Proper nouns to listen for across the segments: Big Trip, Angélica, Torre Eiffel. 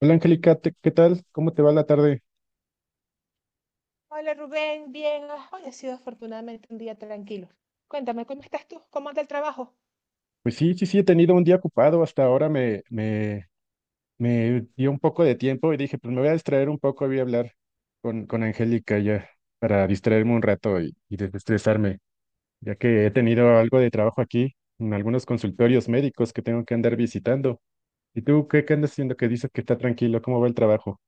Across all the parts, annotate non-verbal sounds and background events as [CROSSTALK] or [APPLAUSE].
Hola Angélica, ¿qué tal? ¿Cómo te va la tarde? Hola Rubén, bien. Hoy ha sido afortunadamente un día tranquilo. Cuéntame, ¿cómo estás tú? ¿Cómo anda el trabajo? Pues sí, sí, sí, he tenido un día ocupado, hasta ahora me dio un poco de tiempo y dije, pues me voy a distraer un poco, voy a hablar con Angélica ya para distraerme un rato y desestresarme, ya que he tenido algo de trabajo aquí en algunos consultorios médicos que tengo que andar visitando. ¿Y tú qué andas haciendo? Que dices que está tranquilo, ¿cómo va el trabajo?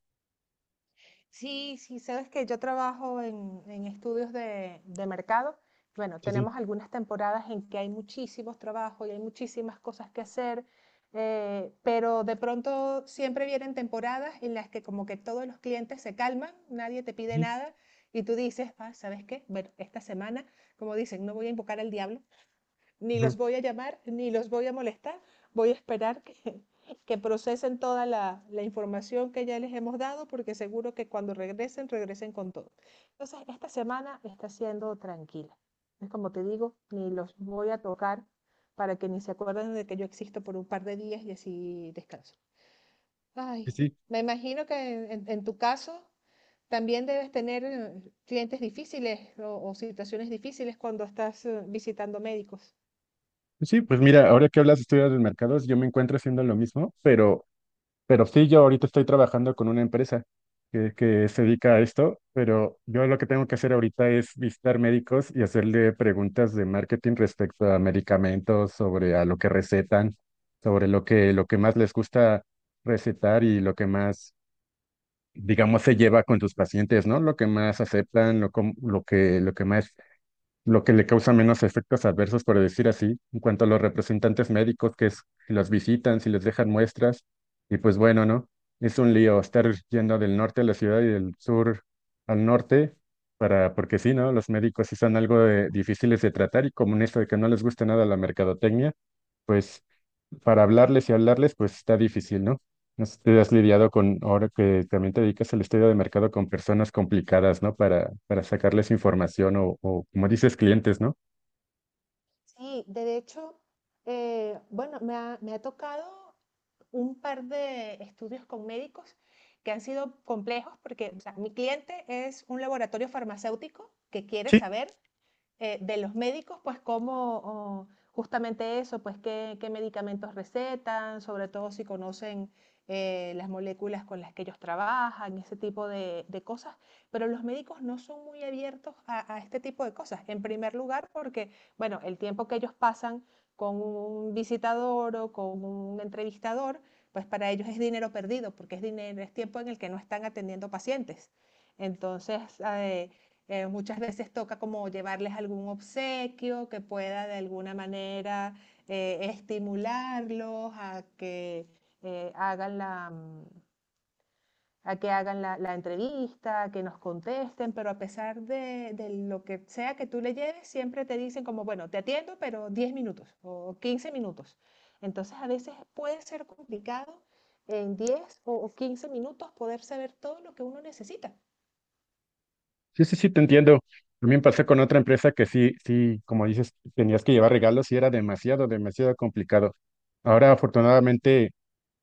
Sí, sí, sabes que yo trabajo en estudios de mercado. Bueno, Sí, sí. tenemos algunas temporadas en que hay muchísimos trabajos y hay muchísimas cosas que hacer, pero de pronto siempre vienen temporadas en las que como que todos los clientes se calman, nadie te pide Ujú, nada y tú dices, ah, ¿sabes qué? Bueno, esta semana, como dicen, no voy a invocar al diablo. Ni ujú. los voy a llamar, ni los voy a molestar. Voy a esperar que, [LAUGHS] que procesen toda información que ya les hemos dado, porque seguro que cuando regresen, regresen con todo. Entonces, esta semana está siendo tranquila. Es como te digo, ni los voy a tocar para que ni se acuerden de que yo existo por un par de días y así descanso. Sí, Ay, sí. me imagino que en tu caso también debes tener clientes difíciles o situaciones difíciles cuando estás visitando médicos. Pues sí, pues mira, ahora que hablas de estudios del mercados, yo me encuentro haciendo lo mismo, pero sí, yo ahorita estoy trabajando con una empresa que se dedica a esto, pero yo lo que tengo que hacer ahorita es visitar médicos y hacerle preguntas de marketing respecto a medicamentos, sobre a lo que recetan, sobre lo que más les gusta recetar y lo que más, digamos, se lleva con tus pacientes, ¿no? Lo que más aceptan, lo, com- lo que más lo que le causa menos efectos adversos, por decir así, en cuanto a los representantes médicos que es, si los visitan, si les dejan muestras, y pues bueno, ¿no? Es un lío estar yendo del norte a la ciudad y del sur al norte, porque sí, ¿no? Los médicos sí son algo difíciles de tratar y como en esto de que no les gusta nada la mercadotecnia, pues para hablarles y hablarles, pues está difícil, ¿no? No sé si te has lidiado con, ahora que también te dedicas al estudio de mercado, con personas complicadas, ¿no? Para sacarles información o, como dices, clientes, ¿no? Sí, de hecho, me ha tocado un par de estudios con médicos que han sido complejos porque, o sea, mi cliente es un laboratorio farmacéutico que quiere Sí, saber de los médicos, pues cómo, oh, justamente eso, pues qué, qué, medicamentos recetan, sobre todo si conocen las moléculas con las que ellos trabajan, ese tipo de cosas, pero los médicos no son muy abiertos a, este tipo de cosas. En primer lugar, porque, bueno, el tiempo que ellos pasan con un visitador o con un entrevistador, pues para ellos es dinero perdido, porque es dinero, es tiempo en el que no están atendiendo pacientes. Entonces, muchas veces toca como llevarles algún obsequio que pueda de alguna manera estimularlos a que eh, hagan la, mm, a que hagan la entrevista, a que nos contesten, pero a pesar de lo que sea que tú le lleves, siempre te dicen como, bueno, te atiendo, pero 10 minutos o 15 minutos. Entonces a veces puede ser complicado en 10 o 15 minutos poder saber todo lo que uno necesita. sí, sí, sí, te entiendo. También pasé con otra empresa que sí, sí, como dices, tenías que llevar regalos y era demasiado, demasiado complicado. Ahora, afortunadamente.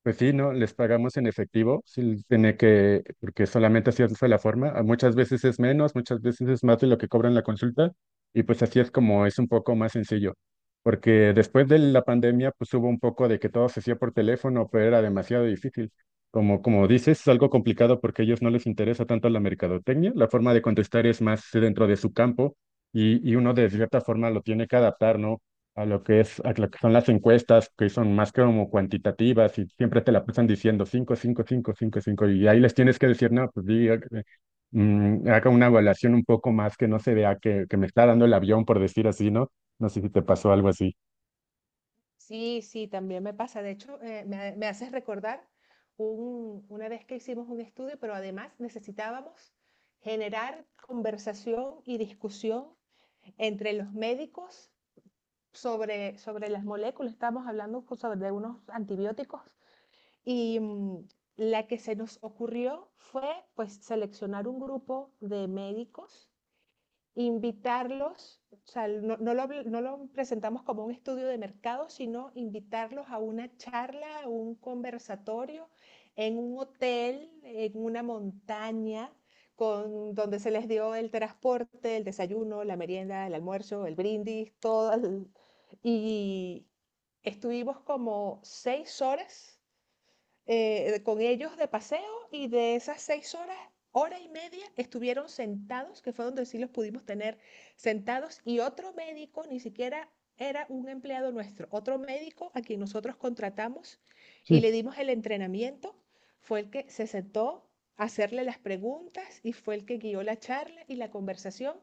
Pues sí, ¿no? Les pagamos en efectivo, sí, tiene que, porque solamente así es la forma. A Muchas veces es menos, muchas veces es más de lo que cobran la consulta, y pues así es como es un poco más sencillo. Porque después de la pandemia, pues hubo un poco de que todo se hacía por teléfono, pero era demasiado difícil. Como, como dices, es algo complicado porque a ellos no les interesa tanto la mercadotecnia. La forma de contestar es más dentro de su campo, y uno de cierta forma lo tiene que adaptar, ¿no? A lo que es, a lo que son las encuestas, que son más que como cuantitativas y siempre te la pasan diciendo 5 5 5 5 5 y ahí les tienes que decir, no, pues diga, haga una evaluación un poco más que no se vea que me está dando el avión, por decir así, ¿no? No sé si te pasó algo así. Sí, sí, también me pasa. De hecho, me haces recordar una vez que hicimos un estudio, pero además necesitábamos generar conversación y discusión entre los médicos sobre, sobre las moléculas. Estábamos hablando sobre unos antibióticos y la que se nos ocurrió fue pues seleccionar un grupo de médicos, invitarlos, o sea, no, no, lo, no, lo, presentamos como un estudio de mercado, sino invitarlos a una charla, a un conversatorio en un hotel, en una montaña, con, donde se les dio el transporte, el desayuno, la merienda, el almuerzo, el brindis, todo. El, y estuvimos como 6 horas con ellos de paseo y de esas 6 horas, hora y media estuvieron sentados, que fue donde sí los pudimos tener sentados, y otro médico, ni siquiera era un empleado nuestro, otro médico a quien nosotros contratamos y Sí, le dimos el entrenamiento, fue el que se sentó a hacerle las preguntas y fue el que guió la charla y la conversación.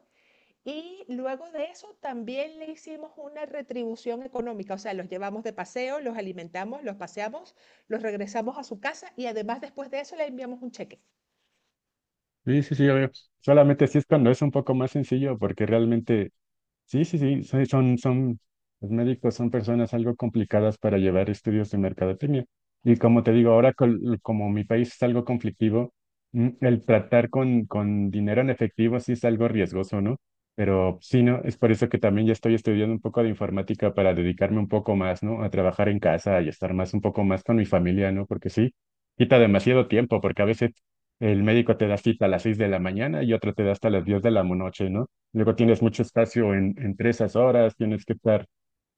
Y luego de eso también le hicimos una retribución económica, o sea, los llevamos de paseo, los alimentamos, los paseamos, los regresamos a su casa y además después de eso le enviamos un cheque. sí, sí, sí, ya veo. Solamente sí es cuando es un poco más sencillo, porque realmente sí, sí, sí, los médicos son personas algo complicadas para llevar estudios de mercadotecnia. Y como te digo, ahora como mi país es algo conflictivo, el tratar con dinero en efectivo sí es algo riesgoso, ¿no? Pero sí, ¿no? Es por eso que también ya estoy estudiando un poco de informática para dedicarme un poco más, ¿no? A trabajar en casa y estar más, un poco más con mi familia, ¿no? Porque sí, quita demasiado tiempo, porque a veces el médico te da cita a las 6 de la mañana y otro te da hasta las 10 de la noche, ¿no? Luego tienes mucho espacio entre esas horas, tienes que estar,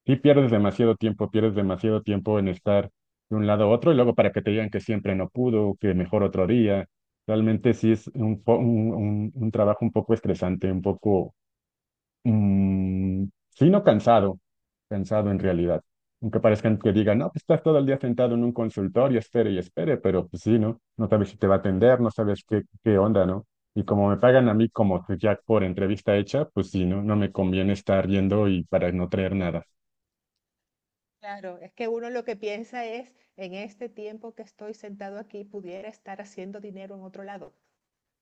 sí pierdes demasiado tiempo en estar de un lado a otro y luego para que te digan que siempre no pudo, que mejor otro día. Realmente sí es un trabajo un poco estresante, un poco. Sí, no cansado, cansado en realidad. Aunque parezcan que digan, no, pues estás todo el día sentado en un consultorio, espere y espere, pero pues sí, ¿no? No sabes si te va a atender, no sabes qué onda, ¿no? Y como me pagan a mí como que ya por entrevista hecha, pues sí, ¿no? No me conviene estar yendo y para no traer nada. Claro, es que uno lo que piensa es, en este tiempo que estoy sentado aquí, pudiera estar haciendo dinero en otro lado.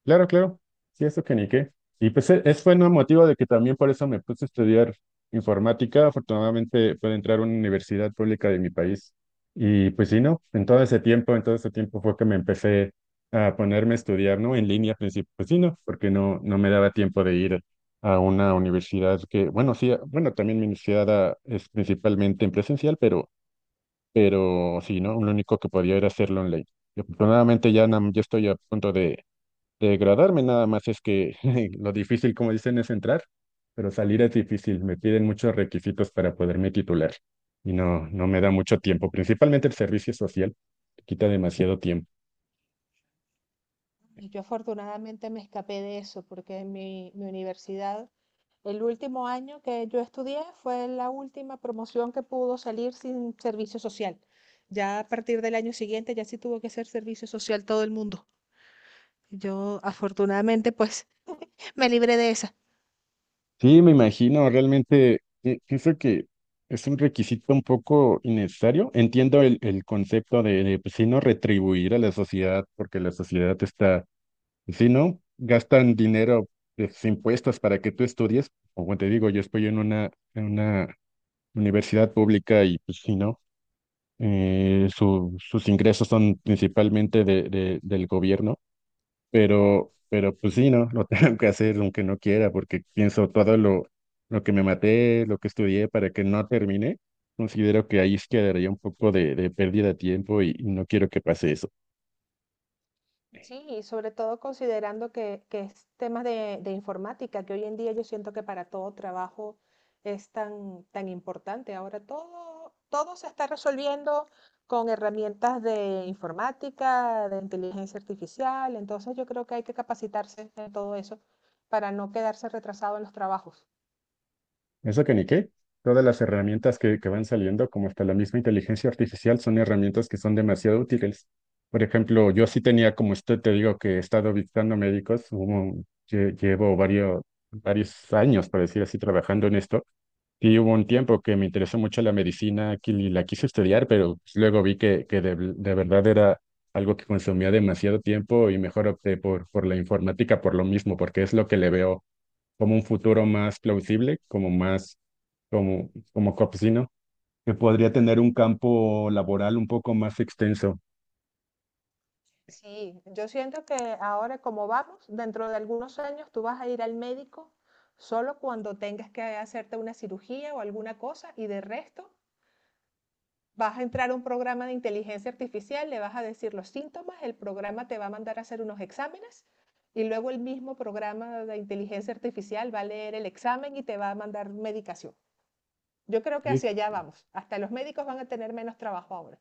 Claro, claro. Sí, eso que ni qué. Y pues es fue un motivo de que también por eso me puse a estudiar informática. Afortunadamente pude entrar a una universidad pública de mi país. Y pues sí, ¿no? En todo ese tiempo, en todo ese tiempo fue que me empecé a ponerme a estudiar, ¿no? En línea, al principio. Pues sí, ¿no? Porque no me daba tiempo de ir a una universidad que, bueno, sí, bueno, también mi universidad ah, es principalmente en presencial, pero sí, ¿no? Lo único que podía era hacerlo online. Y afortunadamente ya, ya estoy a punto de degradarme, nada más es que [LAUGHS] lo difícil, como dicen, es entrar, pero salir es difícil. Me piden muchos requisitos para poderme titular y no me da mucho tiempo. Principalmente el servicio social te quita demasiado tiempo. Y yo afortunadamente me escapé de eso porque en mi universidad el último año que yo estudié fue la última promoción que pudo salir sin servicio social. Ya a partir del año siguiente ya sí tuvo que ser servicio social todo el mundo. Yo afortunadamente pues me libré de esa. Sí, me imagino, realmente pienso que es un requisito un poco innecesario. Entiendo el concepto de pues, sí, no retribuir a la sociedad porque la sociedad está, si no, gastan dinero, pues, impuestos para que tú estudies. Como te digo, yo estoy en una universidad pública y pues sí, ¿no? Sus ingresos son principalmente del gobierno, pero pues sí, ¿no? [LAUGHS] Lo tengo que hacer aunque no quiera, porque pienso todo lo que me maté, lo que estudié para que no termine, considero que ahí es quedaría un poco de pérdida de tiempo y no quiero que pase eso. Sí, y sobre todo considerando que es temas de informática, que hoy en día yo siento que para todo trabajo es tan, tan importante. Ahora todo, todo se está resolviendo con herramientas de informática, de inteligencia artificial, entonces yo creo que hay que capacitarse en todo eso para no quedarse retrasado en los trabajos. Eso que ni qué. Todas las herramientas que van saliendo, como hasta la misma inteligencia artificial, son herramientas que son demasiado útiles. Por ejemplo, yo sí tenía, como usted te digo, que he estado visitando médicos, llevo varios, varios años, por decir así, trabajando en esto. Y hubo un tiempo que me interesó mucho la medicina que y la quise estudiar, pero pues, luego vi que de verdad era algo que consumía demasiado tiempo y mejor opté por la informática por lo mismo, porque es lo que le veo como un futuro más plausible, como más, como, como campesino, que podría tener un campo laboral un poco más extenso. Sí, yo siento que ahora como vamos, dentro de algunos años tú vas a ir al médico solo cuando tengas que hacerte una cirugía o alguna cosa y de resto vas a entrar a un programa de inteligencia artificial, le vas a decir los síntomas, el programa te va a mandar a hacer unos exámenes y luego el mismo programa de inteligencia artificial va a leer el examen y te va a mandar medicación. Yo creo que hacia allá vamos. Hasta los médicos van a tener menos trabajo ahora.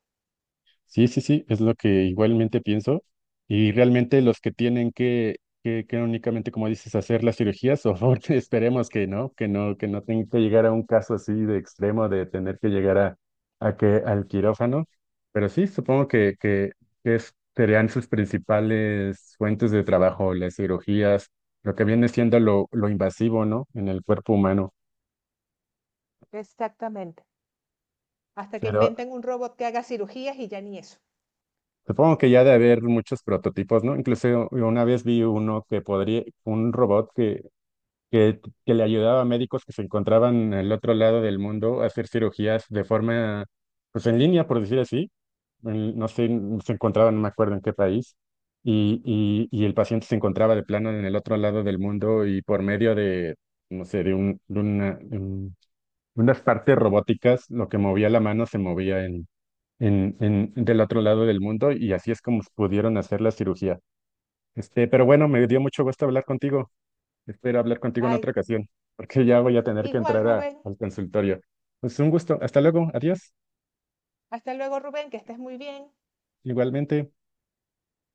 Sí, sí, sí, es lo que igualmente pienso. Y realmente los que tienen que únicamente, como dices, hacer las cirugías, o [LAUGHS] esperemos que no, que no, que no tenga que llegar a un caso así de extremo de tener que llegar al quirófano. Pero sí, supongo serían sus principales fuentes de trabajo, las cirugías, lo que viene siendo lo invasivo, ¿no? En el cuerpo humano. Exactamente. Hasta que Pero inventen un robot que haga cirugías y ya ni eso. Supongo que ya de haber muchos prototipos, ¿no? Incluso una vez vi uno que podría, un robot que, que le ayudaba a médicos que se encontraban al otro lado del mundo a hacer cirugías de forma, pues en línea, por decir así. No sé, se encontraban, no me acuerdo en qué país. Y, y el paciente se encontraba de plano en el otro lado del mundo y por medio de, no sé, de, un, de, una, de un- unas partes robóticas, lo que movía la mano se movía del otro lado del mundo y así es como pudieron hacer la cirugía. Pero bueno, me dio mucho gusto hablar contigo. Espero hablar contigo en Ay, otra ocasión, porque ya voy a tener que igual, entrar Rubén. al consultorio. Pues un gusto. Hasta luego. Adiós. Hasta luego, Rubén, que estés muy bien. Igualmente.